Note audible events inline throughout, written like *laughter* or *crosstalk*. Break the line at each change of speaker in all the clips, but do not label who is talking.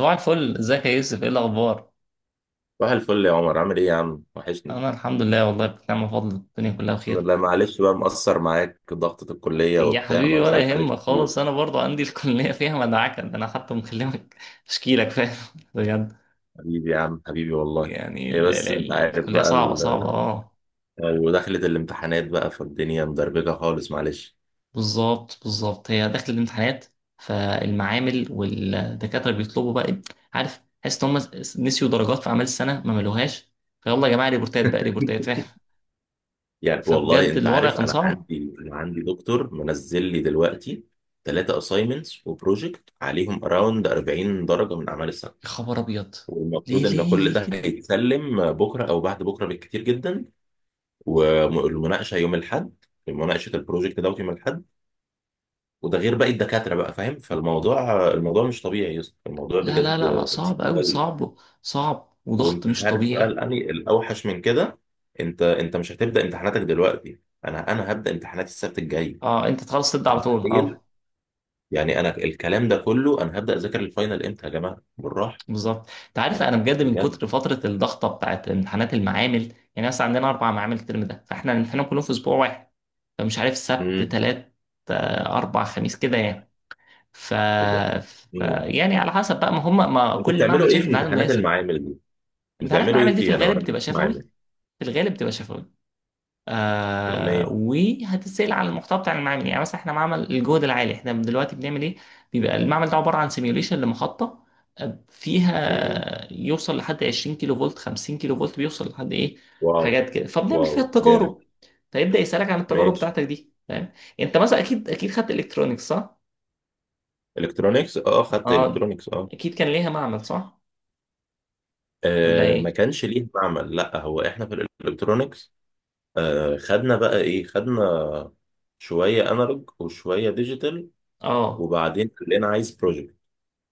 صباح الفل، ازيك يا يوسف؟ ايه الاخبار؟
صباح الفل يا عمر، عامل ايه يا عم، وحشني.
انا الحمد لله، والله بنعم بفضل الدنيا كلها بخير.
لا معلش بقى، مقصر معاك، ضغطة الكلية
يا
وبتاع،
حبيبي
ما
ولا
بسألش عليك
يهمك
كتير.
خالص، انا برضو عندي *laughs* الكليه فيها مدعكه، ده انا حتى مكلمك اشكيلك، فاهم؟ *laughs* بجد.
حبيبي يا عم، حبيبي والله.
يعني
هي
ال ال
بس انت
ال
عارف
الكليه
بقى
صعبه
ال...
صعبه، اه.
ودخلت الامتحانات بقى، فالدنيا مدربكة خالص، معلش.
بالظبط بالظبط، هي داخل الامتحانات، فالمعامل والدكاتره بيطلبوا بقى إيه؟ عارف، حاسس ان هم نسيوا درجات في اعمال السنه ما ملوهاش، فيلا يا جماعه ريبورتات بقى، ريبورتات،
*laughs*
فاهم؟
يعني والله
فبجد
انت
الوضع
عارف،
كان
انا
صعب.
عندي انا عندي دكتور منزل لي دلوقتي ثلاثة اساينمنتس وبروجكت عليهم اراوند 40 درجة من اعمال السنة.
يا خبر ابيض.
والمفروض
ليه
ان
ليه
كل
ليه
ده
كده؟
هيتسلم بكرة او بعد بكرة بالكتير جدا. والمناقشه يوم الاحد، مناقشه البروجكت دوت يوم الاحد. وده غير باقي الدكاتره بقى، فاهم؟ فالموضوع الموضوع مش طبيعي يا اسطى، الموضوع
لا لا
بجد
لا لا، صعب
تقيل
قوي،
قوي.
صعب. صعب وضغط
وانت
مش
عارف بقى
طبيعي.
الاوحش من كده. انت مش هتبدا امتحاناتك دلوقتي، انا هبدا امتحاناتي السبت الجاي.
اه انت تخلص تبدا على طول،
تخيل؟
اه.
يعني انا الكلام ده كله، انا هبدا اذاكر الفاينل امتى يا جماعه بالراحه؟
بالظبط، انت عارف
يعني
انا بجد من
بجد.
كتر فتره الضغطه بتاعت امتحانات المعامل، يعني مثلا عندنا اربع معامل الترم ده، فاحنا الامتحانات كلهم في اسبوع واحد. فمش عارف، سبت
امم
تلات، اربع خميس كده يعني. ف...
كده.
ف
امم
يعني على حسب بقى ما هم ما
انتوا
كل
بتعملوا
معمل
ايه
شايف
في
الميعاد
امتحانات
المناسب.
المعامل دي؟
انت عارف
بتعملوا
المعامل
ايه
دي في
فيها؟ انا ما
الغالب بتبقى
عنديش
شفوي،
معامل.
في الغالب بتبقى شفوي. آه
ماشي.
وهتتسأل على المحتوى بتاع المعمل، يعني مثلا احنا معمل الجهد العالي، احنا دلوقتي بنعمل ايه؟ بيبقى المعمل ده عبارة عن سيميوليشن لمحطة، فيها يوصل لحد 20 كيلو فولت، 50 كيلو فولت بيوصل لحد ايه،
واو.
حاجات كده، فبنعمل
واو
فيها
جامد.
التجارب. فيبدأ يسألك عن التجارب
ماشي.
بتاعتك دي، فاهم؟ انت مثلا اكيد اكيد خدت الكترونيكس، صح؟
الكترونيكس اه، خدت
اه.
الكترونيكس اه.
اكيد كان ليها معمل، صح؟ ولا
آه، ما
ايه؟
كانش ليه معمل، لا هو احنا في الالكترونيكس آه خدنا بقى ايه، خدنا شويه انالوج وشويه ديجيتال،
اه.
وبعدين قال لنا عايز بروجكت.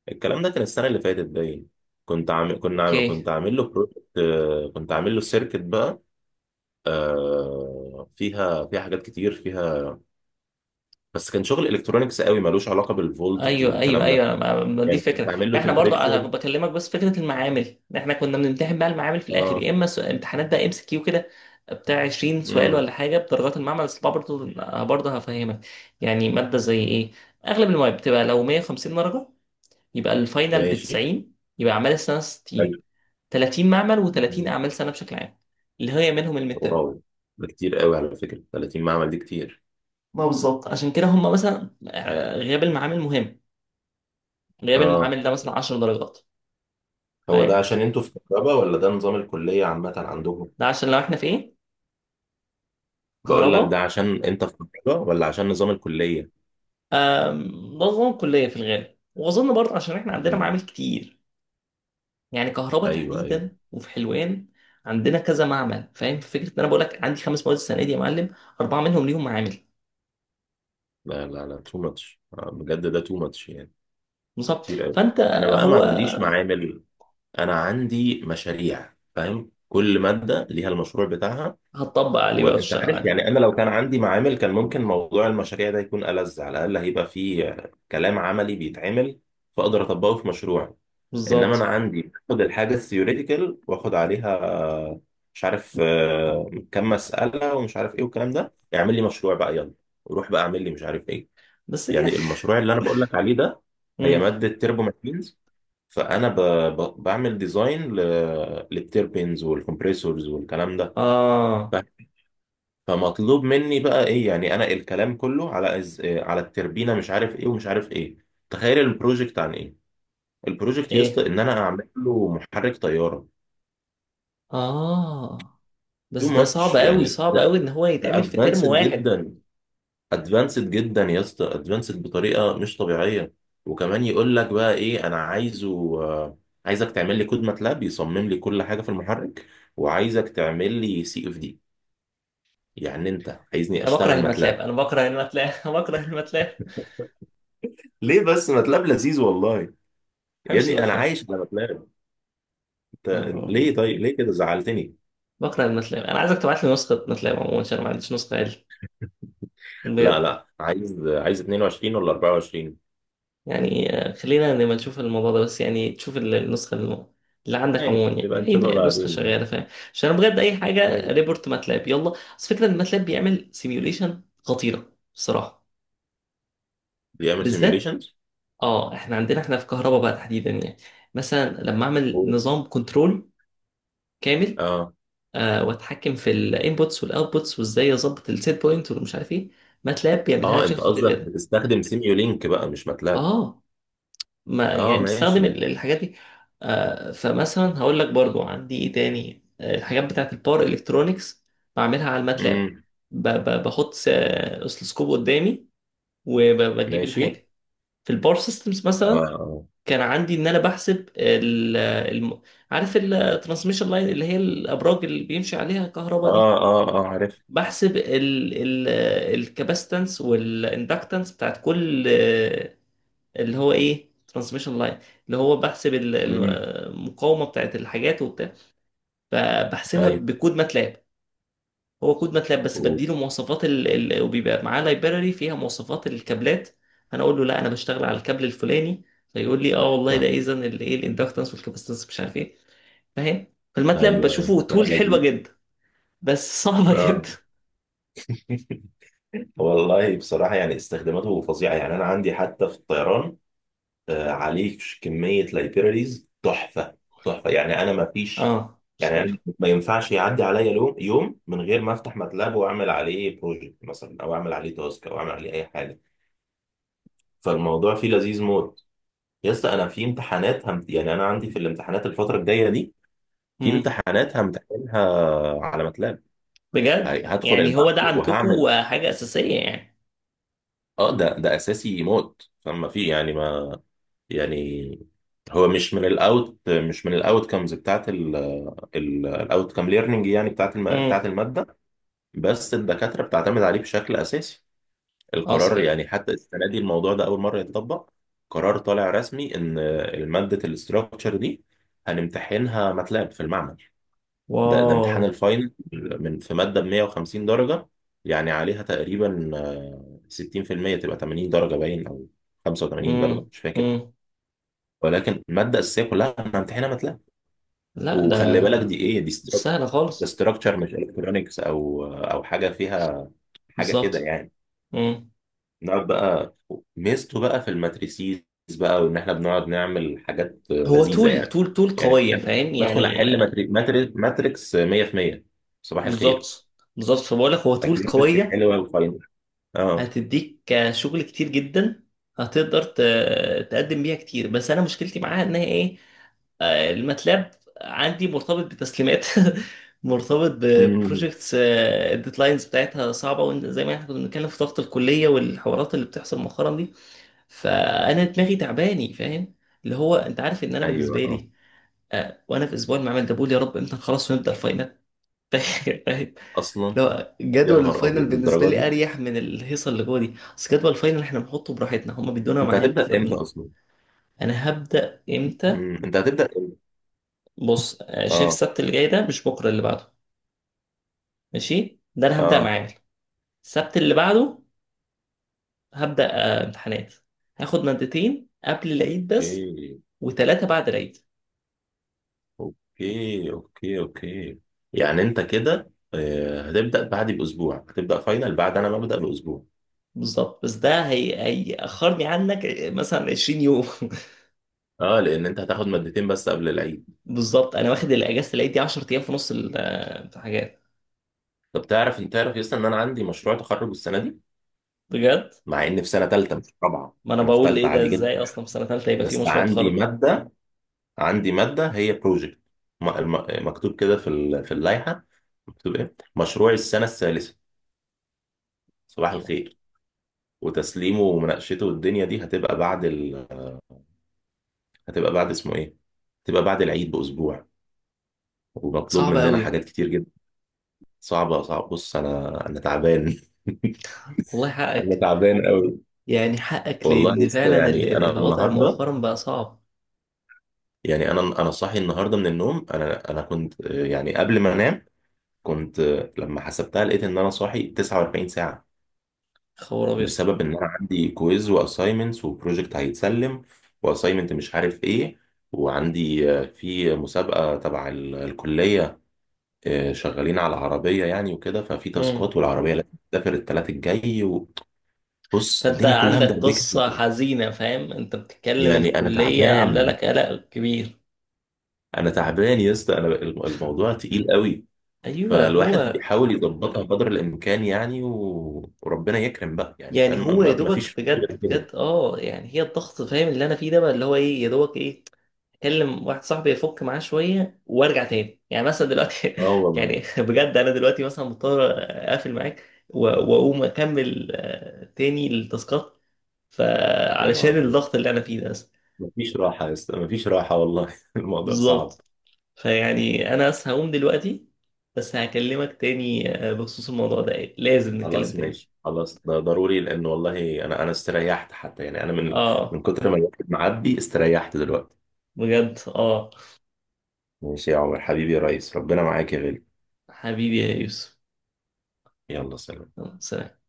الكلام ده كان السنه اللي فاتت باين، كنت عامل كنا عامل
اوكي.
كنت عامل له بروجكت. آه كنت عامل له سيركت بقى. آه، فيها حاجات كتير فيها. بس كان شغل الكترونيكس قوي، ملوش علاقه بالفولتج
ايوه ايوه
والكلام ده.
ايوه، ما دي
يعني كنت
الفكره،
عامل له
فاحنا برضو انا
تمبريتشر.
بكلمك بس فكره المعامل إن احنا كنا بنمتحن بقى المعامل في الاخر، يا اما امتحانات بقى ام سي كيو كده بتاع 20 سؤال
اه
ولا حاجه بدرجات المعمل بس برضو. برضه هفهمك. يعني ماده زي ايه؟ اغلب المواد بتبقى لو 150 درجه، يبقى الفاينل ب
ماشي.
90، يبقى اعمال السنه
حلو.
60. 30 معمل و30 اعمال سنه بشكل عام، اللي هي منهم الميد.
واو. ده كتير قوي على فكرة، 30 معمل دي كتير.
ما بالظبط، عشان كده هم مثلا غياب المعامل مهم، غياب
اه،
المعامل ده مثلا 10 درجات،
هو ده
فاهم؟
عشان انتوا في كهرباء ولا ده نظام الكلية عامة عندهم؟
ده عشان لو احنا في ايه،
بقول لك، ده
كهرباء.
عشان انت في كهرباء ولا عشان نظام الكلية؟
أم، ده نظام كلية في الغالب، وأظن برضه عشان إحنا عندنا
مم.
معامل كتير، يعني كهرباء
ايوه ايوه.
تحديدا وفي حلوان عندنا كذا معمل، فاهم؟ في فكرة إن أنا بقول لك عندي خمس مواد السنة دي يا معلم، أربعة منهم ليهم معامل.
لا لا لا، تو ماتش بجد، ده تو ماتش يعني،
بالظبط،
كتير قوي.
فأنت،
انا بقى ما
هو
عنديش معامل، انا عندي مشاريع، فاهم؟ كل مادة ليها المشروع بتاعها.
هتطبق عليه بقى
وانت
وتشتغل
عارف
عليه.
يعني، انا لو كان عندي معامل كان ممكن موضوع المشاريع ده يكون ألذ، على الاقل هيبقى فيه كلام عملي بيتعمل، فاقدر اطبقه في مشروعي. انما انا
بالظبط.
عندي باخد الحاجه الثيوريتيكال واخد عليها مش عارف كم مساله ومش عارف ايه والكلام ده. اعمل لي مشروع بقى يلا، وروح بقى اعمل لي مش عارف ايه.
بس هي
يعني المشروع اللي
*laughs*
انا بقول لك عليه ده، هي
مم.
ماده تيربو ماشينز. فانا ب... بعمل ديزاين للتيربينز والكمبريسورز والكلام ده.
آه.
فمطلوب مني بقى ايه، يعني انا الكلام كله على إز... آه، على التربينه، مش عارف ايه ومش عارف ايه. تخيل البروجكت عن ايه؟ البروجكت
إيه.
يسطا ان انا اعمل له محرك طياره.
آه.
تو
بس ده صعب
ماتش
أوي
يعني
صعب
ده،
أوي إن هو يتعمل في ترم
ادفانسد
واحد.
جدا، ادفانسد جدا يا اسطى، ادفانسد بطريقه مش طبيعيه. وكمان يقول لك بقى ايه، انا عايزه عايزك تعمل لي كود ماتلاب يصمم لي كل حاجه في المحرك، وعايزك تعمل لي سي اف دي. يعني انت عايزني
أنا بكره
اشتغل
الماتلاب،
ماتلاب؟
أنا بكره الماتلاب *laughs* أنا بكره الماتلاب، ما
ليه بس، ماتلاب لذيذ والله. يا
بحبش
ابني انا
الماتلاب،
عايش على بلان. انت
أنا
ليه طيب، ليه كده زعلتني؟
بكره الماتلاب. انا عايزك تبعت لي نسخه ماتلاب عموما عشان ما عنديش نسخه عدل،
لا
بجد.
لا، عايز 22 ولا 24؟
يعني خلينا نبقى نشوف الموضوع ده، بس يعني تشوف النسخه اللي عندك عموما،
ماشي، نبقى
يعني اي
نشوفها
نسخه
بعدين.
شغاله، فاهم؟ عشان انا بجد اي حاجه
ماشي.
ريبورت ماتلاب يلا، بس فكره ان ماتلاب بيعمل سيميوليشن خطيره بصراحه.
بيعمل
بالذات،
سيميوليشنز.
اه، احنا عندنا، احنا في كهرباء بقى تحديدا يعني، مثلا لما اعمل نظام كنترول كامل،
اه.
آه واتحكم في الانبوتس والاوتبوتس، وازاي اظبط السيت بوينت والمش عارف ايه، ماتلاب بيعملها لي
اه،
بشكل
انت
خطير
قصدك
جدا.
بتستخدم سيميولينك بقى مش ماتلاب؟
اه ما
اه
يعني بستخدم
ماشي.
الحاجات دي. فمثلا هقول لك برضو عندي ايه تاني، الحاجات بتاعت الباور الكترونكس بعملها على الماتلاب.
امم.
بحط اسلسكوب قدامي، وبجيب
ماشي.
الحاجه. في الباور سيستمز مثلا،
اه
كان عندي ان انا بحسب عارف الترانسميشن لاين اللي هي الابراج اللي بيمشي عليها الكهرباء
اه
دي،
اه اه، عارف.
بحسب ال الكاباستنس والاندكتنس بتاعت كل، اللي هو ايه، ترانسميشن لاين، اللي هو بحسب
امم.
المقاومه بتاعت الحاجات وبتاع، فبحسبها
ايوه.
بكود ماتلاب. هو كود ماتلاب بس بديله مواصفات وبيبقى معاه لايبراري فيها مواصفات الكابلات، انا اقول له لا انا بشتغل على الكابل الفلاني، فيقول لي اه والله ده
تحفه.
اذا الايه الاندكتنس والكاباستنس مش عارف ايه، فاهم؟ فالماتلاب
ايوه ايوه،
بشوفه
لا
تول حلوه
لذيذ.
جدا، بس صعبه *laughs*
اه.
جدا.
*laughs* والله بصراحة، يعني استخداماته فظيعة، يعني أنا عندي حتى في الطيران عليك كمية لايبراريز تحفة. تحفة، يعني أنا ما فيش،
اه
يعني أنا
صحيح.
ما ينفعش يعدي عليا يوم من غير ما أفتح ماتلاب وأعمل عليه بروجكت مثلا أو أعمل عليه تاسك أو أعمل عليه أي حاجة. فالموضوع فيه لذيذ موت. يا اسطى أنا في امتحانات يعني أنا عندي في الامتحانات الفترة الجاية دي في
امم
امتحانات همتحنها على ماتلاب.
بجد
هدخل
يعني هو
المعمل
ده عندكم
وهعمل.
حاجه اساسيه يعني.
أه، ده أساسي موت، فما في يعني ما. يعني هو مش من الاوت كمز بتاعت الاوت كام ليرنينج، يعني
امم.
بتاعت الماده. بس الدكاتره بتعتمد عليه بشكل اساسي
اه
القرار،
صحيح.
يعني حتى السنه دي الموضوع ده اول مره يتطبق. قرار طالع رسمي ان ماده الاستراكشر دي هنمتحنها ماتلاب في المعمل. ده
واو.
امتحان الفاينل من في ماده ب 150 درجه، يعني عليها تقريبا 60% تبقى 80 درجه باين، او 85 درجه
امم.
مش فاكر.
امم.
ولكن الماده الاساسيه كلها هنمتحنها ماتلاب.
لا
وخلي
ده
بالك دي ايه، دي
مش سهلة
ستراكشر. ده
خالص.
ستراكشر مش الكترونكس او حاجه فيها، حاجه كده
بالظبط.
يعني.
امم.
نقعد بقى، ميزته بقى في الماتريسيز بقى، وان احنا بنقعد نعمل حاجات
هو
لذيذه
طول
يعني.
طول طول
يعني
قوية، فاهم
بدخل
يعني.
احل ماتريكس 100%. صباح الخير.
بالظبط بالظبط، فبقول لك هو طول
اكيورسي
قوية،
حلوه وفاينل. اه.
هتديك شغل كتير جدا، هتقدر تقدم بيها كتير، بس انا مشكلتي معاها ان هي ايه، الماتلاب عندي مرتبط بتسليمات، *laughs* مرتبط
مم.
ببروجكتس الديدلاينز بتاعتها صعبة، وزي ما احنا كنا بنتكلم في ضغط الكلية والحوارات اللي بتحصل مؤخرا دي، فانا دماغي تعباني، فاهم؟ اللي هو انت عارف ان انا
ايوه.
بالنسبه
اه.
لي، وانا في اسبوع المعمل ده بقول يا رب امتى خلاص ونبدا الفاينل، *laughs* فاهم؟
اصلا،
لو
يا
جدول
نهار ابيض
الفاينل بالنسبه
للدرجه
لي
دي.
اريح من الهيصه اللي جوه دي، اصل جدول الفاينل احنا بنحطه براحتنا، هما بيدونا
انت
ميعاد
هتبدا امتى
فانا.
اصلا؟
هبدا امتى؟
مم. انت هتبدا امتى؟
بص، شايف
اه.
السبت اللي جاي ده مش بكره اللي بعده؟ ماشي ده انا هبدا
اه.
معامل، السبت اللي بعده هبدا امتحانات. هاخد مادتين قبل العيد بس،
اوكي
وثلاثه بعد العيد.
اوكي اوكي. اوكي، يعني انت كده هتبدأ بعدي باسبوع، هتبدأ فاينل بعد انا ما ابدأ باسبوع.
بالظبط، بس ده هي هيأخرني عنك مثلا 20 يوم.
اه، لان انت هتاخد مادتين بس قبل العيد.
*laughs* بالظبط انا واخد الاجازه العيد دي 10 ايام في نص الحاجات،
طب تعرف، انت تعرف يس ان انا عندي مشروع تخرج السنة دي؟
بجد.
مع اني في سنة تالتة مش في رابعة.
ما انا
انا في
بقول ايه
تالتة
ده،
عادي جدا،
ازاي اصلا في سنه ثالثه يبقى في
بس
مشروع
عندي
تخرج؟
مادة، عندي مادة هي بروجكت، مكتوب كده في في اللائحة. مكتوب ايه؟ مشروع السنة الثالثة. صباح الخير. وتسليمه ومناقشته والدنيا دي هتبقى بعد، هتبقى بعد اسمه ايه، هتبقى بعد العيد باسبوع. ومطلوب
صعب
مننا
قوي.
حاجات كتير جدا. صعبه صعبه، بص انا تعبان. *laughs*
والله
انا
حقك.
تعبان قوي.
يعني حقك
والله يا
لان
اسطى،
فعلا ال
يعني
ال
انا
الوضع
النهارده،
مؤخرا بقى صعب.
يعني انا صاحي النهارده من النوم. انا كنت يعني قبل ما انام كنت لما حسبتها لقيت ان انا صاحي 49 ساعه،
خبر ابيض.
بسبب ان انا عندي كويز واساينمنتس وبروجكت هيتسلم، واساينمنت مش عارف ايه. وعندي في مسابقه تبع الكليه، شغالين على العربية يعني. وكده ففي
امم.
تاسكات، والعربية لازم تسافر التلات الجاي. وبص
فانت
الدنيا كلها
عندك
مدربكة.
قصه حزينه، فاهم؟ انت بتتكلم
يعني أنا
الكليه عامله
تعبان،
لك قلق كبير.
أنا تعبان يا اسطى. أنا الموضوع تقيل قوي.
ايوه
فالواحد
هو.
بيحاول يظبطها قدر الإمكان يعني، وربنا يكرم بقى يعني،
يعني هو
فاهم؟
يا
ما
دوبك
فيش
بجد
غير كده.
بجد اه، يعني هي الضغط، فاهم اللي انا فيه ده؟ بقى اللي هو ايه يا دوبك ايه، اكلم واحد صاحبي يفك معاه شويه وارجع تاني، يعني مثلا دلوقتي،
اه
*laughs*
والله.
يعني بجد انا دلوقتي مثلا مضطر اقفل معاك واقوم اكمل تاني التاسكات،
يا نهار
فعلشان
أبيض.
الضغط اللي انا فيه ده بس.
مفيش راحة يا اسطى، مفيش راحة والله. *laughs* الموضوع صعب.
بالظبط. فيعني انا بس هقوم دلوقتي، بس هكلمك تاني بخصوص الموضوع ده، لازم نتكلم
خلاص
تاني.
ماشي، خلاص ده ضروري، لان والله انا استريحت حتى، يعني انا من
اه.
من كتر ما الواحد معبي استريحت دلوقتي.
بجد اه.
ماشي يا عمر، حبيبي يا ريس، ربنا معاك يا غالي.
حبيبي يا يوسف.
يلا سلام.
يلا، سلام.